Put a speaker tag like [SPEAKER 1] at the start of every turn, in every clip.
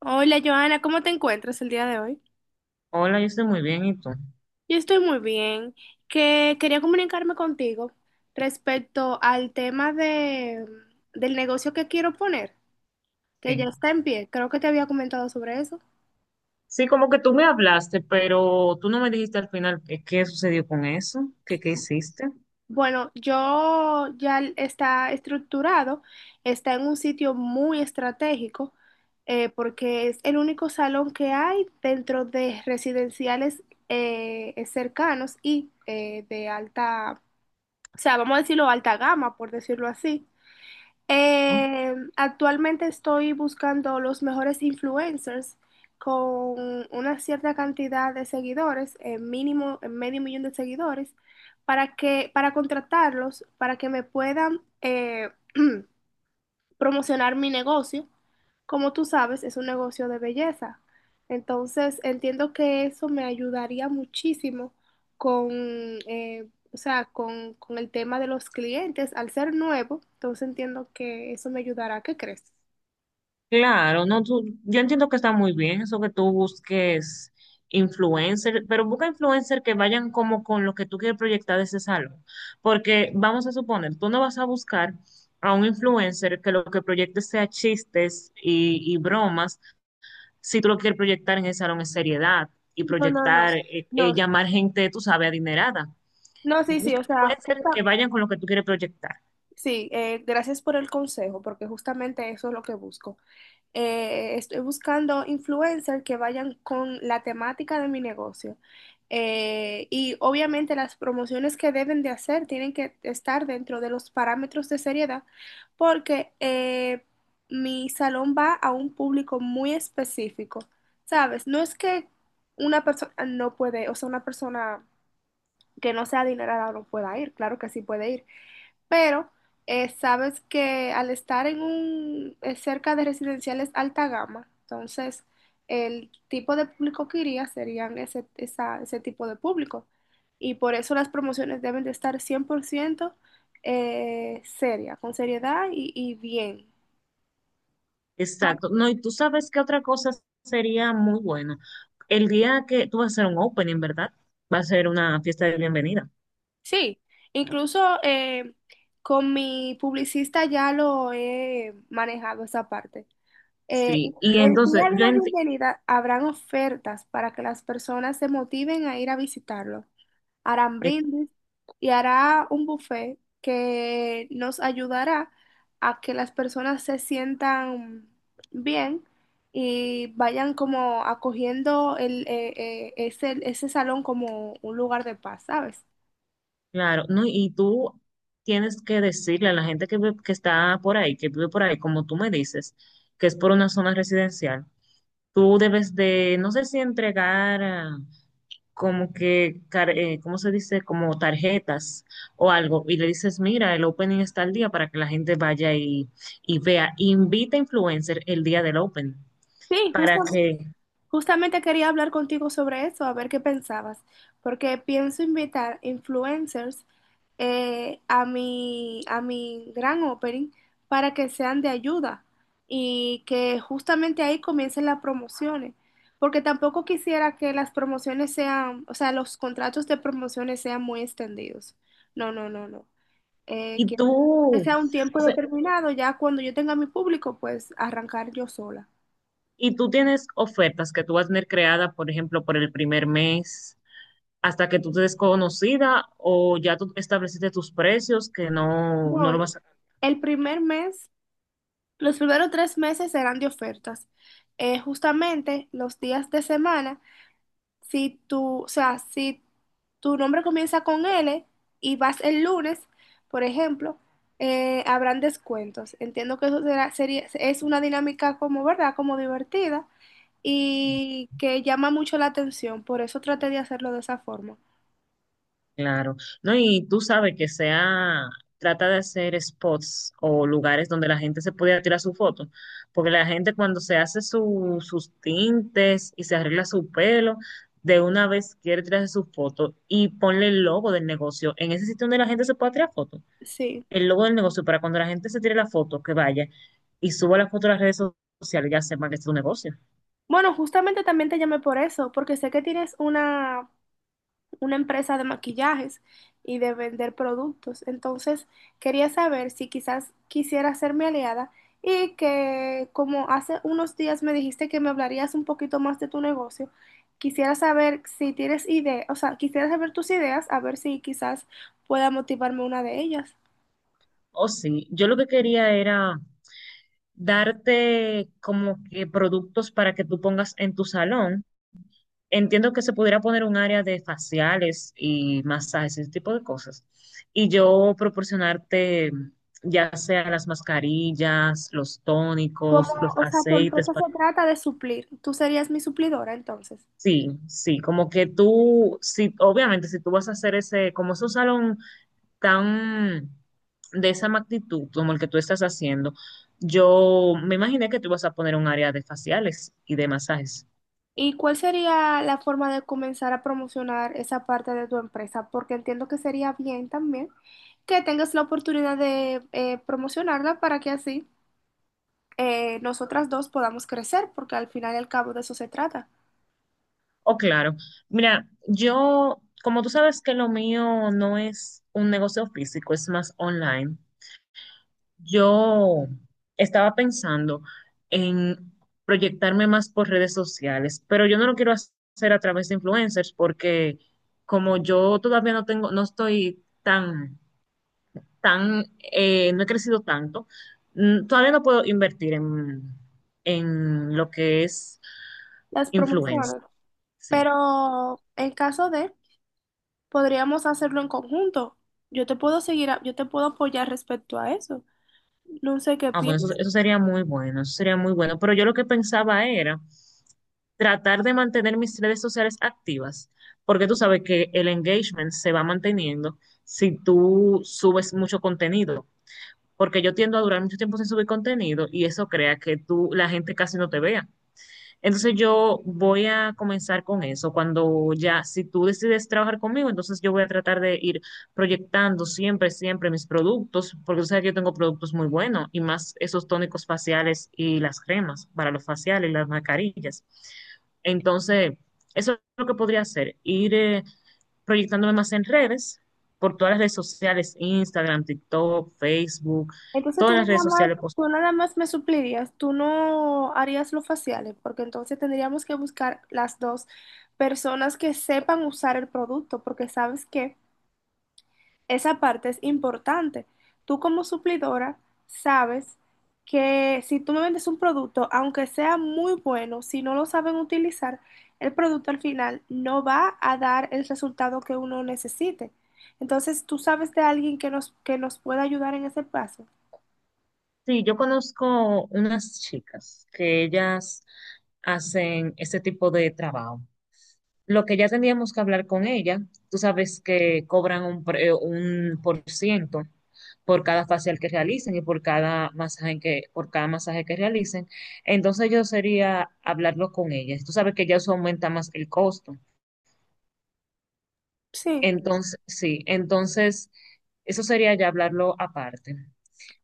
[SPEAKER 1] Hola Joana, ¿cómo te encuentras el día de hoy?
[SPEAKER 2] Hola, yo estoy muy bien, ¿y tú?
[SPEAKER 1] Yo estoy muy bien, que quería comunicarme contigo respecto al tema del negocio que quiero poner, que ya
[SPEAKER 2] Sí.
[SPEAKER 1] está en pie, creo que te había comentado sobre eso.
[SPEAKER 2] Sí, como que tú me hablaste, pero tú no me dijiste al final qué sucedió con eso, qué hiciste,
[SPEAKER 1] Bueno, yo ya está estructurado, está en un sitio muy estratégico, porque es el único salón que hay dentro de residenciales cercanos y de alta, o sea, vamos a decirlo alta gama, por decirlo así.
[SPEAKER 2] ¿no?
[SPEAKER 1] Actualmente estoy buscando los mejores influencers con una cierta cantidad de seguidores, mínimo medio millón de seguidores, para contratarlos, para que me puedan promocionar mi negocio, como tú sabes, es un negocio de belleza. Entonces, entiendo que eso me ayudaría muchísimo con, o sea, con el tema de los clientes. Al ser nuevo, entonces entiendo que eso me ayudará. ¿Qué crees?
[SPEAKER 2] Claro, no, yo entiendo que está muy bien eso que tú busques influencer, pero busca influencer que vayan como con lo que tú quieres proyectar de ese salón, porque vamos a suponer, tú no vas a buscar a un influencer que lo que proyecte sea chistes y bromas si tú lo que quieres proyectar en ese salón es seriedad y
[SPEAKER 1] No, no, no,
[SPEAKER 2] proyectar,
[SPEAKER 1] no,
[SPEAKER 2] llamar gente, tú sabes, adinerada.
[SPEAKER 1] no, sí, sí,
[SPEAKER 2] Busca-
[SPEAKER 1] o
[SPEAKER 2] puede
[SPEAKER 1] sea,
[SPEAKER 2] ser que vayan con lo que tú quieres proyectar.
[SPEAKER 1] sí, gracias por el consejo, porque justamente eso es lo que busco. Eh, estoy buscando influencers que vayan con la temática de mi negocio. Y obviamente las promociones que deben de hacer tienen que estar dentro de los parámetros de seriedad, porque mi salón va a un público muy específico, ¿sabes? No es que una persona no puede, o sea, una persona que no sea adinerada no pueda ir, claro que sí puede ir, pero sabes que al estar en un cerca de residenciales alta gama, entonces el tipo de público que iría serían ese, ese tipo de público. Y por eso las promociones deben de estar 100% seria, con seriedad y bien.
[SPEAKER 2] Exacto. No, y tú sabes que otra cosa sería muy bueno. El día que tú vas a hacer un opening, ¿verdad? Va a ser una fiesta de bienvenida.
[SPEAKER 1] Sí, incluso con mi publicista ya lo he manejado esa parte. Eh,
[SPEAKER 2] Sí. Y
[SPEAKER 1] el
[SPEAKER 2] entonces,
[SPEAKER 1] día de la bienvenida habrán ofertas para que las personas se motiven a ir a visitarlo. Harán
[SPEAKER 2] eh,
[SPEAKER 1] brindis y hará un buffet que nos ayudará a que las personas se sientan bien y vayan como acogiendo ese, ese salón como un lugar de paz, ¿sabes?
[SPEAKER 2] claro, no, y tú tienes que decirle a la gente que, que está por ahí, que vive por ahí, como tú me dices, que es por una zona residencial. Tú debes de, no sé si entregar como que, ¿cómo se dice? Como tarjetas o algo. Y le dices, mira, el opening está al día para que la gente vaya y vea. Invita a influencer el día del opening
[SPEAKER 1] Sí, justo.
[SPEAKER 2] para que...
[SPEAKER 1] Justamente quería hablar contigo sobre eso, a ver qué pensabas, porque pienso invitar influencers a mi gran opening, para que sean de ayuda y que justamente ahí comiencen las promociones, porque tampoco quisiera que las promociones sean, o sea, los contratos de promociones sean muy extendidos. No, no, no, no.
[SPEAKER 2] Y
[SPEAKER 1] Quiero que
[SPEAKER 2] tú,
[SPEAKER 1] sea un tiempo
[SPEAKER 2] o sea,
[SPEAKER 1] determinado, ya cuando yo tenga mi público, pues arrancar yo sola.
[SPEAKER 2] y tú tienes ofertas que tú vas a tener creada, por ejemplo, por el primer mes, hasta que tú te des conocida o ya tú estableciste tus precios que no, no
[SPEAKER 1] No,
[SPEAKER 2] lo vas a...
[SPEAKER 1] el primer mes, los primeros tres meses serán de ofertas. Justamente los días de semana, si tú, o sea, si tu nombre comienza con L y vas el lunes, por ejemplo, habrán descuentos. Entiendo que eso será, sería, es una dinámica como, ¿verdad? Como divertida y que llama mucho la atención. Por eso traté de hacerlo de esa forma.
[SPEAKER 2] Claro, no, y tú sabes que sea, trata de hacer spots o lugares donde la gente se pueda tirar su foto, porque la gente cuando se hace sus tintes y se arregla su pelo, de una vez quiere tirarse su foto y ponle el logo del negocio en ese sitio donde la gente se pueda tirar foto,
[SPEAKER 1] Sí.
[SPEAKER 2] el logo del negocio para cuando la gente se tire la foto, que vaya y suba la foto a las redes sociales, ya sepa que es tu negocio.
[SPEAKER 1] Bueno, justamente también te llamé por eso, porque sé que tienes una empresa de maquillajes y de vender productos. Entonces, quería saber si quizás quisiera ser mi aliada y que como hace unos días me dijiste que me hablarías un poquito más de tu negocio, quisiera saber si tienes idea, o sea, quisiera saber tus ideas, a ver si quizás pueda motivarme una de ellas.
[SPEAKER 2] Oh, sí, yo lo que quería era darte como que productos para que tú pongas en tu salón. Entiendo que se pudiera poner un área de faciales y masajes, ese tipo de cosas. Y yo proporcionarte ya sea las mascarillas, los
[SPEAKER 1] Como,
[SPEAKER 2] tónicos, los
[SPEAKER 1] o sea, tu
[SPEAKER 2] aceites.
[SPEAKER 1] empresa se trata de suplir. Tú serías mi suplidora entonces.
[SPEAKER 2] Sí, sí, como que tú, sí, obviamente si tú vas a hacer ese, como es un salón tan de esa magnitud como el que tú estás haciendo, yo me imaginé que tú ibas a poner un área de faciales y de masajes.
[SPEAKER 1] ¿Y cuál sería la forma de comenzar a promocionar esa parte de tu empresa? Porque entiendo que sería bien también que tengas la oportunidad de promocionarla, para que así nosotras dos podamos crecer, porque al final y al cabo de eso se trata,
[SPEAKER 2] Oh, claro. Mira, yo, como tú sabes que lo mío no es un negocio físico, es más online, yo estaba pensando en proyectarme más por redes sociales, pero yo no lo quiero hacer a través de influencers porque como yo todavía no tengo, no he crecido tanto. Todavía no puedo invertir en lo que es
[SPEAKER 1] las
[SPEAKER 2] influencer.
[SPEAKER 1] promociones.
[SPEAKER 2] Sí.
[SPEAKER 1] Pero en caso de, podríamos hacerlo en conjunto. Yo te puedo seguir, yo te puedo apoyar respecto a eso. No sé qué
[SPEAKER 2] Ah, bueno, eso,
[SPEAKER 1] piensas.
[SPEAKER 2] eso sería muy bueno, eso sería muy bueno. Pero yo lo que pensaba era tratar de mantener mis redes sociales activas, porque tú sabes que el engagement se va manteniendo si tú subes mucho contenido, porque yo tiendo a durar mucho tiempo sin subir contenido y eso crea que la gente casi no te vea. Entonces yo voy a comenzar con eso. Cuando ya, si tú decides trabajar conmigo, entonces yo voy a tratar de ir proyectando siempre, siempre mis productos, porque tú sabes que yo tengo productos muy buenos y más esos tónicos faciales y las cremas para los faciales y las mascarillas. Entonces, eso es lo que podría hacer, ir proyectándome más en redes, por todas las redes sociales, Instagram, TikTok, Facebook,
[SPEAKER 1] Entonces
[SPEAKER 2] todas las redes sociales
[SPEAKER 1] tú
[SPEAKER 2] posibles.
[SPEAKER 1] nada más me suplirías, tú no harías los faciales, porque entonces tendríamos que buscar las dos personas que sepan usar el producto, porque sabes que esa parte es importante. Tú como suplidora sabes que si tú me vendes un producto, aunque sea muy bueno, si no lo saben utilizar, el producto al final no va a dar el resultado que uno necesite. Entonces tú sabes de alguien que nos pueda ayudar en ese paso.
[SPEAKER 2] Sí, yo conozco unas chicas que ellas hacen este tipo de trabajo. Lo que ya tendríamos que hablar con ella, tú sabes que cobran un por ciento por cada facial que realicen y por cada masaje que realicen. Entonces yo sería hablarlo con ella. Tú sabes que ya eso aumenta más el costo.
[SPEAKER 1] Sí.
[SPEAKER 2] Entonces, sí, entonces eso sería ya hablarlo aparte.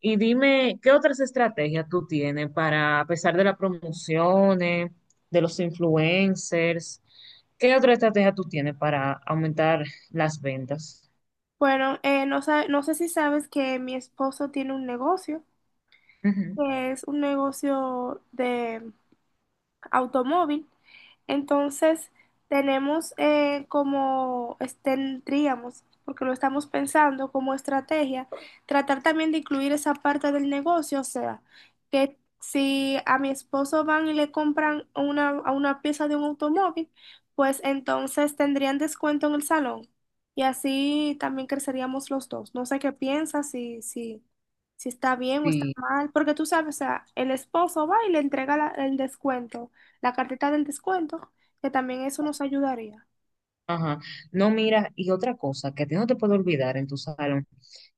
[SPEAKER 2] Y dime, ¿qué otras estrategias tú tienes para, a pesar de las promociones, de los influencers, qué otra estrategia tú tienes para aumentar las ventas?
[SPEAKER 1] Bueno, no sé si sabes que mi esposo tiene un negocio,
[SPEAKER 2] Ujú.
[SPEAKER 1] que es un negocio de automóvil. Entonces, tenemos tendríamos, porque lo estamos pensando como estrategia, tratar también de incluir esa parte del negocio, o sea, que si a mi esposo van y le compran a una pieza de un automóvil, pues entonces tendrían descuento en el salón y así también creceríamos los dos. No sé qué piensas, si, si, si está bien o está
[SPEAKER 2] Sí,
[SPEAKER 1] mal, porque tú sabes, o sea, el esposo va y le entrega el descuento, la cartita del descuento, que también eso nos ayudaría.
[SPEAKER 2] ajá. No, mira, y otra cosa que a ti no te puedo olvidar en tu salón,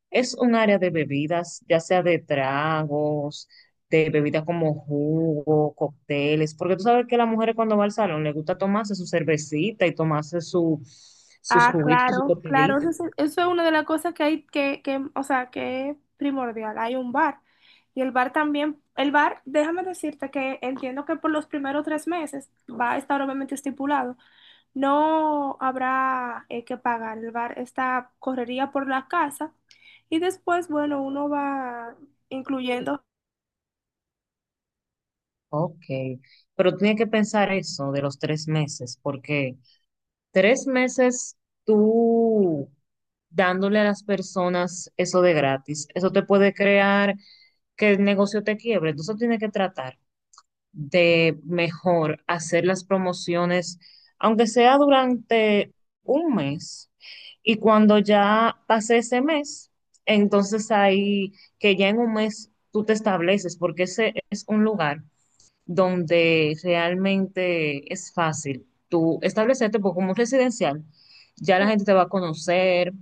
[SPEAKER 2] es un área de bebidas, ya sea de tragos, de bebidas como jugo, cócteles, porque tú sabes que las mujeres cuando va al salón les gusta tomarse su cervecita y tomarse sus
[SPEAKER 1] Ah,
[SPEAKER 2] juguitos, sus
[SPEAKER 1] claro, claro,
[SPEAKER 2] cóctelitos.
[SPEAKER 1] eso es una de las cosas que hay que, o sea, que es primordial. Hay un bar. Y el bar también, el bar, déjame decirte que entiendo que por los primeros tres meses va a estar obviamente estipulado. No habrá que pagar. El bar está, correría por la casa. Y después, bueno, uno va incluyendo.
[SPEAKER 2] Ok, pero tiene que pensar eso de los 3 meses, porque 3 meses tú dándole a las personas eso de gratis, eso te puede crear que el negocio te quiebre. Entonces tiene que tratar de mejor hacer las promociones, aunque sea durante un mes. Y cuando ya pase ese mes, entonces ahí que ya en un mes tú te estableces, porque ese es un lugar donde realmente es fácil tú establecerte, porque como es residencial, ya la gente te va a conocer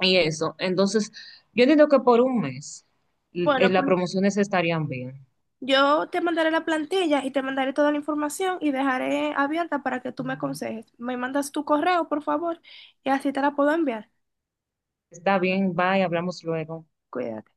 [SPEAKER 2] y eso. Entonces, yo entiendo que por un mes
[SPEAKER 1] Bueno,
[SPEAKER 2] las
[SPEAKER 1] pues
[SPEAKER 2] promociones estarían bien.
[SPEAKER 1] yo te mandaré la plantilla y te mandaré toda la información y dejaré abierta para que tú me aconsejes. Me mandas tu correo, por favor, y así te la puedo enviar.
[SPEAKER 2] Está bien, bye, hablamos luego.
[SPEAKER 1] Cuídate.